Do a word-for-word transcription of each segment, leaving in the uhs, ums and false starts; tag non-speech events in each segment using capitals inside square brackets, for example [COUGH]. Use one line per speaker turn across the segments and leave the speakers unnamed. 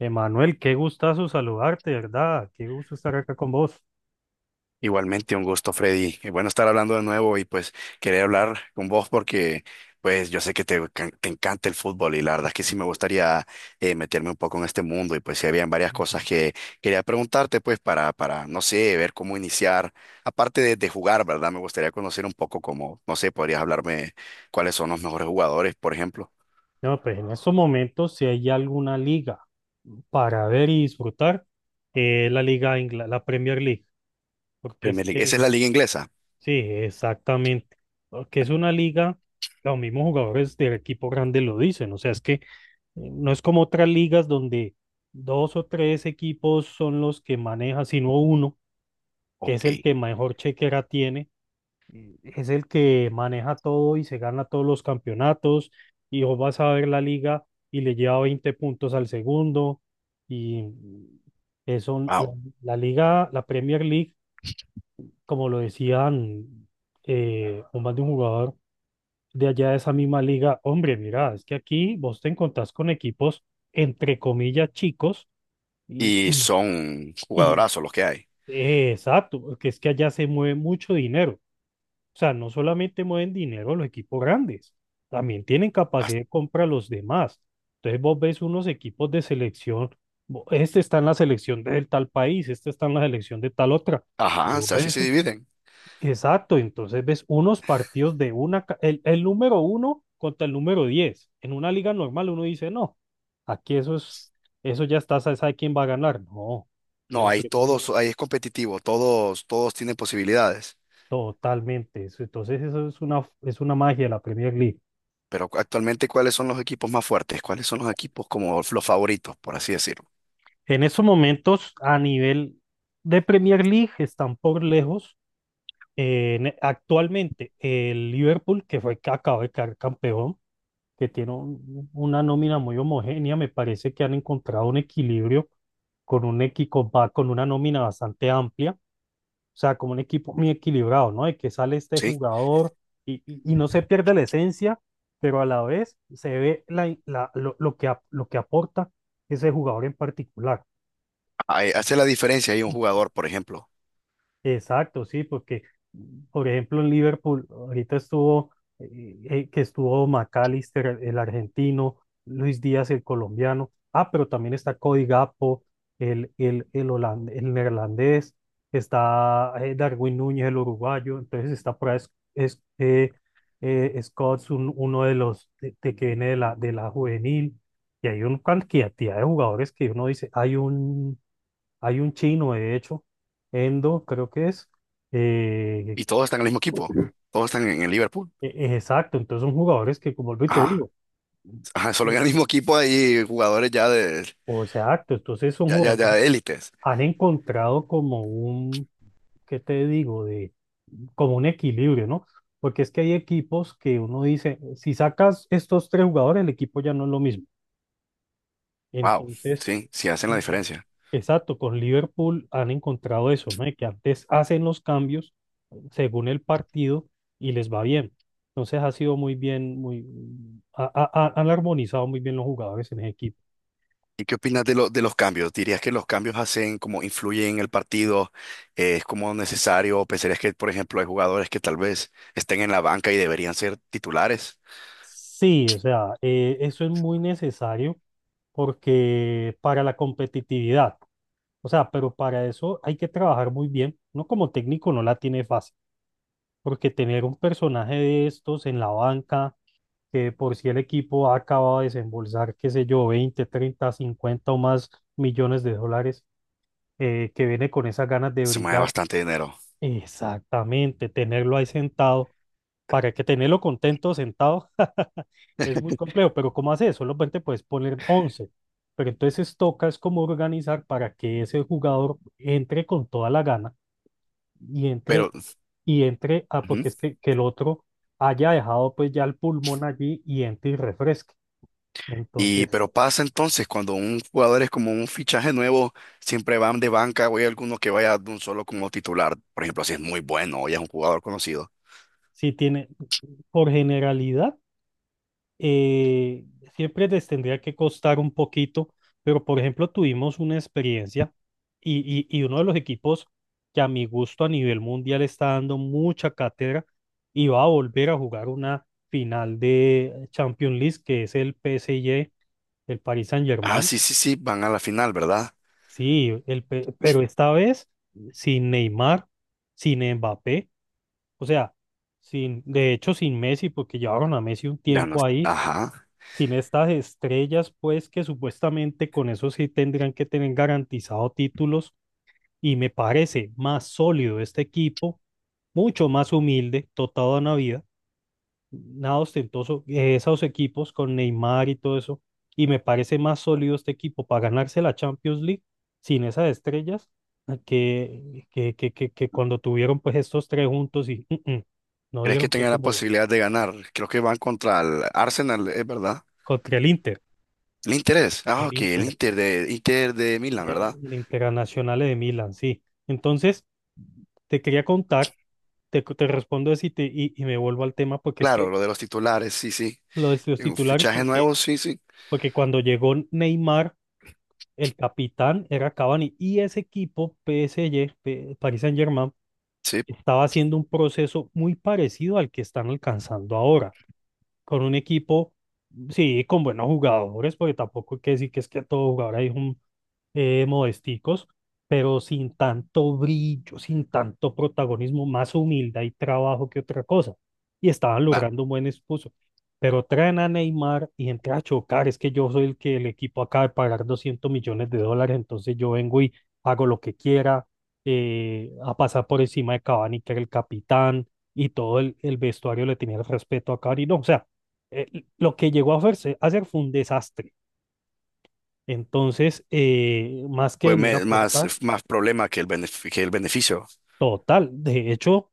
Emanuel, qué gustazo saludarte, ¿verdad? Qué gusto estar acá con vos.
Igualmente, un gusto, Freddy. Y bueno estar hablando de nuevo y pues quería hablar con vos porque pues yo sé que te, can- te encanta el fútbol y la verdad es que sí me gustaría eh, meterme un poco en este mundo y pues sí habían varias cosas
Ujú.
que quería preguntarte pues para, para, no sé, ver cómo iniciar. Aparte de, de jugar, ¿verdad? Me gustaría conocer un poco cómo, no sé, podrías hablarme cuáles son los mejores jugadores, por ejemplo.
No, pues en estos momentos, si hay alguna liga para ver y disfrutar, eh, la Liga Ingla- la Premier League, porque es
Premier League. ¿Esa
que,
es la liga inglesa?
sí, exactamente, porque es una liga, los mismos jugadores del equipo grande lo dicen, o sea, es que eh, no es como otras ligas donde dos o tres equipos son los que maneja, sino uno, que es
Ok,
el que mejor chequera tiene, eh, es el que maneja todo y se gana todos los campeonatos, y vos vas a ver la liga y le lleva veinte puntos al segundo. Y eso, la,
wow.
la liga, la Premier League, como lo decían, eh, un más de un jugador de allá de esa misma liga, hombre, mira, es que aquí vos te encontrás con equipos entre comillas chicos, y,
Y
y,
son
y
jugadorazos los que hay.
eh, exacto, que es que allá se mueve mucho dinero. O sea, no solamente mueven dinero los equipos grandes, también tienen capacidad
Hasta-
de compra los demás. Entonces vos ves unos equipos de selección, bo- este está en la selección del tal país, este está en la selección de tal otra. Y
Ajá, o
vos
sea, así
ves,
se dividen.
exacto, entonces ves unos partidos de una, ca- el, el número uno contra el número diez. En una liga normal uno dice, no, aquí eso es, eso ya está, se sabe quién va a ganar. No, en
No,
la
ahí
Premier
todos,
League,
ahí es competitivo, todos, todos tienen posibilidades.
totalmente. eso- Entonces eso es una, es una magia de la Premier League.
Pero cu- actualmente, ¿cuáles son los equipos más fuertes? ¿Cuáles son los equipos como los favoritos, por así decirlo?
En esos momentos, a nivel de Premier League, están por lejos. Eh, en- actualmente, el Liverpool, que fue que acaba de quedar campeón, que tiene un- una nómina muy homogénea. Me parece que han encontrado un equilibrio con un equipo, ba- con una nómina bastante amplia, o sea, como un equipo muy equilibrado, ¿no? De que sale este
¿Sí?
jugador y, y- y no se pierde la esencia, pero a la vez se ve la, la- lo, lo que, ap- lo que aporta ese jugador en particular.
Ahí hace la diferencia ahí un jugador, por ejemplo,
Exacto, sí, porque, por ejemplo, en Liverpool, ahorita estuvo, eh, eh, que estuvo McAllister, el argentino, Luis Díaz, el colombiano, ah, pero también está Cody Gakpo, el, el, el holand- el neerlandés, está eh, Darwin Núñez, el uruguayo, entonces está por ahí es, es- eh, eh, Scholes, un- uno de los de, de que viene de la, de la juvenil, y hay una cantidad de jugadores que uno dice, hay un hay un chino, de hecho, Endo, creo que es. eh,
y todos están en el mismo equipo, todos están en el Liverpool.
e- e- exacto, entonces son jugadores que, como y te
Ajá,
digo,
ajá, solo
mm,
en el mismo equipo hay jugadores ya de,
o exacto, entonces son
ya, ya,
jugadores,
ya de élites.
han encontrado como un, ¿qué te digo? De, como un equilibrio, ¿no? Porque es que hay equipos que uno dice, si sacas estos tres jugadores, el equipo ya no es lo mismo.
Wow,
Entonces,
sí, sí hacen la
y-
diferencia.
exacto, con Liverpool han encontrado eso, ¿no? Que antes hacen los cambios según el partido y les va bien. Entonces ha sido muy bien, muy, ha- ha- ha- han armonizado muy bien los jugadores en el equipo.
¿Y qué opinas de, lo- de los cambios? ¿Dirías que los cambios hacen como influyen en el partido? Eh, ¿es como necesario? ¿O ¿pensarías que, por ejemplo, hay jugadores que tal vez estén en la banca y deberían ser titulares?
Sí, o sea, eh, eso es muy necesario porque para la competitividad, o sea, pero para eso hay que trabajar muy bien. Uno como técnico no la tiene fácil, porque tener un personaje de estos en la banca, que por si el equipo ha acabado de desembolsar, qué sé yo, veinte treinta cincuenta o más millones de dólares, eh, que viene con esas ganas de
Se mueve
brillar.
bastante dinero.
Exactamente, tenerlo ahí sentado, para que tenerlo contento sentado [LAUGHS] es muy complejo, pero ¿cómo hace eso? Solamente puedes poner once, pero entonces toca es como organizar para que ese jugador entre con toda la gana y entre,
Pero,
y entre, ah,
ujú.
porque es que, que el otro haya dejado pues ya el pulmón allí y entre y refresque.
Y,
Entonces,
pero pasa entonces cuando un jugador es como un fichaje nuevo, siempre van de banca o hay alguno que vaya de un solo como titular. Por ejemplo, si es muy bueno o ya es un jugador conocido.
sí tiene, por generalidad, eh, siempre les tendría que costar un poquito, pero por ejemplo tuvimos una experiencia y, y, y uno de los equipos que a mi gusto a nivel mundial está dando mucha cátedra y va a volver a jugar una final de Champions League que es el P S G, el Paris
Ah,
Saint-Germain,
sí, sí, sí, van a la final, ¿verdad?
sí, el, pe pero esta vez sin Neymar, sin Mbappé, o sea, sin, de hecho sin Messi porque llevaron a Messi un
Ya no.
tiempo ahí
Ajá.
sin estas estrellas, pues que supuestamente con eso sí tendrían que tener garantizado títulos, y me parece más sólido este equipo, mucho más humilde, dotado a vida, nada ostentoso, eh, esos equipos con Neymar y todo eso, y me parece más sólido este equipo para ganarse la Champions League sin esas estrellas, eh, que, que, que, que, que cuando tuvieron pues estos tres juntos y mm, mm, no
¿Crees que
dieron pie
tengan la
con bola
posibilidad de ganar? Creo que van contra el Arsenal, ¿es verdad?
contra el Inter,
El Inter es. Ah,
el
ok, el
Inter.
Inter de, Inter de Milán,
Eh,
¿verdad?
El Internacional de Milán, sí. Entonces, te quería contar, te, te respondo eso y, te- y, y me vuelvo al tema, porque es
Claro,
que
lo de los titulares, sí, sí.
lo de los
Eh,
titulares,
Fichaje
porque,
nuevo, sí, sí.
porque cuando llegó Neymar, el capitán era Cavani, y ese equipo, P S G, P- Paris Saint-Germain,
Sí,
estaba haciendo un proceso muy parecido al que están alcanzando ahora, con un equipo, sí, con buenos jugadores, porque tampoco hay que decir que es que todo jugador hay, eh, modesticos, pero sin tanto brillo, sin tanto protagonismo, más humildad y trabajo que otra cosa. Y estaban
claro.
logrando un buen esposo. Pero traen a Neymar y entra a chocar. Es que yo soy el que el equipo acaba de pagar doscientos millones de dólares, entonces yo vengo y hago lo que quiera, eh, a pasar por encima de Cavani, que era el capitán, y todo el, el vestuario le tenía el respeto a Cavani. No, o sea, eh, lo que llegó a hacerse- a hacer fue un desastre. Entonces, eh, más que
Pues
venir a
me- más,
aportar,
más problema que el, benef- que el beneficio.
total, de hecho,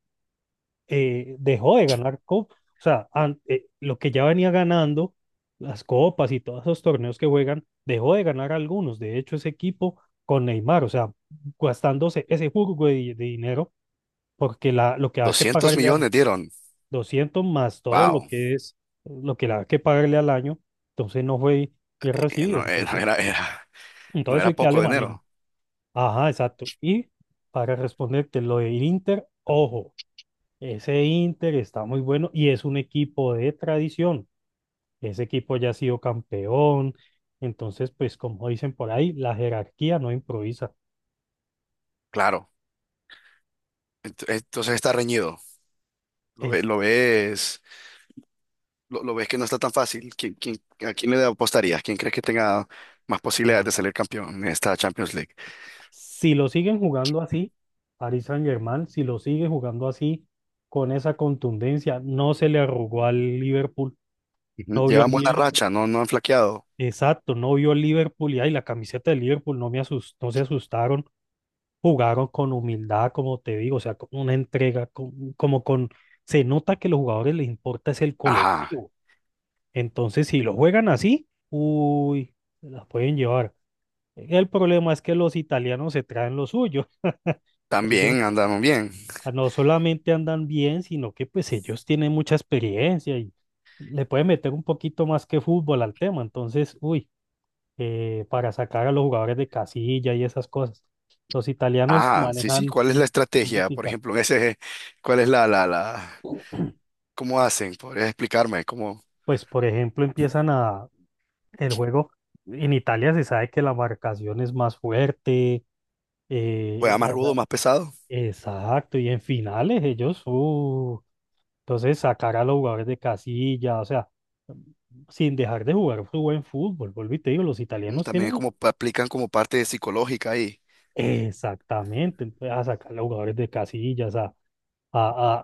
eh, dejó de ganar copas. O sea, an- eh, lo que ya venía ganando, las copas y todos esos torneos que juegan, dejó de ganar algunos. De hecho, ese equipo con Neymar, o sea, gastándose ese jugo de, de dinero, porque la, lo que hay que
doscientos
pagarle a
millones dieron.
doscientos más todo lo
Wow.
que es, lo que le hay que pagarle al año, entonces no fue bien
Eh,
recibido.
no, eh, no
Entonces,
era, era- no
entonces
era
hay que
poco
darle manejo.
dinero.
Ajá, exacto. Y para responderte lo del Inter, ojo, ese Inter está muy bueno y es un equipo de tradición. Ese equipo ya ha sido campeón. Entonces, pues como dicen por ahí, la jerarquía no improvisa.
Claro. Ent- Entonces está reñido. Lo, ve-
Es,
lo ves. lo, lo ves que no está tan fácil. ¿Quién, quién- a quién le apostarías? ¿Quién crees que tenga más posibilidades
u-
de salir campeón en esta Champions League?
si lo siguen jugando así, Paris Saint-Germain, si lo sigue jugando así, con esa contundencia, no se le arrugó al Liverpool.
Ujú.
No vio al
Llevan buena
Liverpool,
racha, no, no han flaqueado.
exacto, no vio al Liverpool y ay, la camiseta del Liverpool no me asustó, no se asustaron, jugaron con humildad, como te digo, o sea, con una entrega, con- como con, se nota que los jugadores les importa es el
Ajá,
colectivo. Entonces, si lo juegan así, uy, se las pueden llevar. El problema es que los italianos se traen lo suyo. [LAUGHS]
también
Ellos,
andan bien.
ah, no solamente andan bien, sino que pues ellos tienen mucha experiencia y le pueden meter un poquito más que fútbol al tema. Entonces, uy, eh, para sacar a los jugadores de casilla y esas cosas. Los italianos
Ah, sí, sí.
manejan...
¿Cuál es la estrategia? Por
mística.
ejemplo, en ese, ¿cuál es la, la, la, cómo hacen? ¿Podrías explicarme? ¿Cómo
Pues, por ejemplo, empiezan a el juego. En Italia se sabe que la marcación es más fuerte. eh,
juega más
Ajá.
rudo, más pesado?
Exacto. Y en finales ellos, uh, entonces sacar a los jugadores de casilla, o sea, sin dejar de jugar su buen fútbol. Vuelvo y te digo, los
Mm,
italianos
también
tienen
como pa- aplican como parte psicológica ahí.
exactamente. Entonces, a sacar a los jugadores de casillas, a, a, a-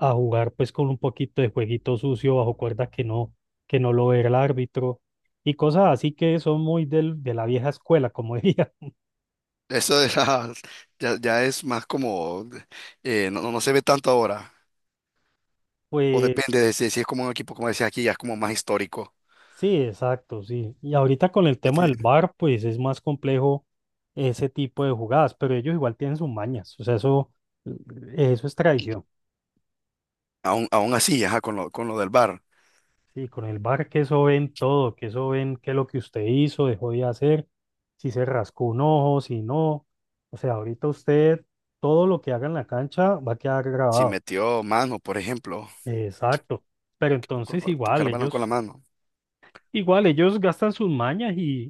a- a jugar pues con un poquito de jueguito sucio bajo cuerda que no, que no lo ve el árbitro, y cosas así que son muy del, de la vieja escuela, como diría. [LAUGHS]
Eso de [LAUGHS] la- ya, ya es más como, eh, no, no no se ve tanto ahora. O
Pues
depende de si, si es como un equipo, como decía aquí, ya es como más histórico.
sí, exacto, sí. Y ahorita con el
Ya
tema del
tiene-
bar pues es más complejo ese tipo de jugadas, pero ellos igual tienen sus mañas, o sea, eso, eso es tradición.
aún, aún así, ajá, con lo, con lo del V A R.
Sí, con el bar, que eso ven todo, que eso ven qué es lo que usted hizo, dejó de hacer, si se rascó un ojo, si no. O sea, ahorita usted, todo lo que haga en la cancha va a quedar
Si
grabado.
metió mano, por ejemplo,
Exacto. Pero
con
entonces
tocar
igual,
el balón con la
ellos,
mano.
igual, ellos gastan sus mañas y,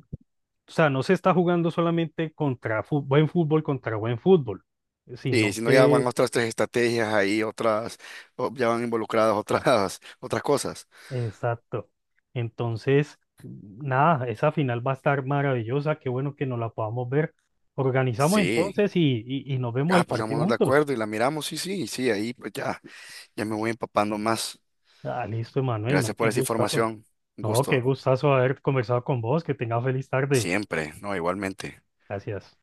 o sea, no se está jugando solamente contra fu- buen fútbol contra buen fútbol,
Sí,
sino
si no, ya
que
van otras tres estrategias ahí, otras, o ya van involucradas otras, [LAUGHS] otras cosas.
exacto. Entonces, nada, esa final va a estar maravillosa. Qué bueno que nos la podamos ver. Organizamos
Sí,
entonces y, y, y nos vemos
ah,
el partido
pongámonos de
juntos.
acuerdo y la miramos, sí, sí, sí, ahí pues ya, ya me voy empapando más.
Ah, listo, Emanuel, ¿no?
Gracias por
Qué
esa
gustazo.
información, un
No, qué
gusto,
gustazo haber conversado con vos. Que tengas feliz tarde.
siempre, no, igualmente.
Gracias.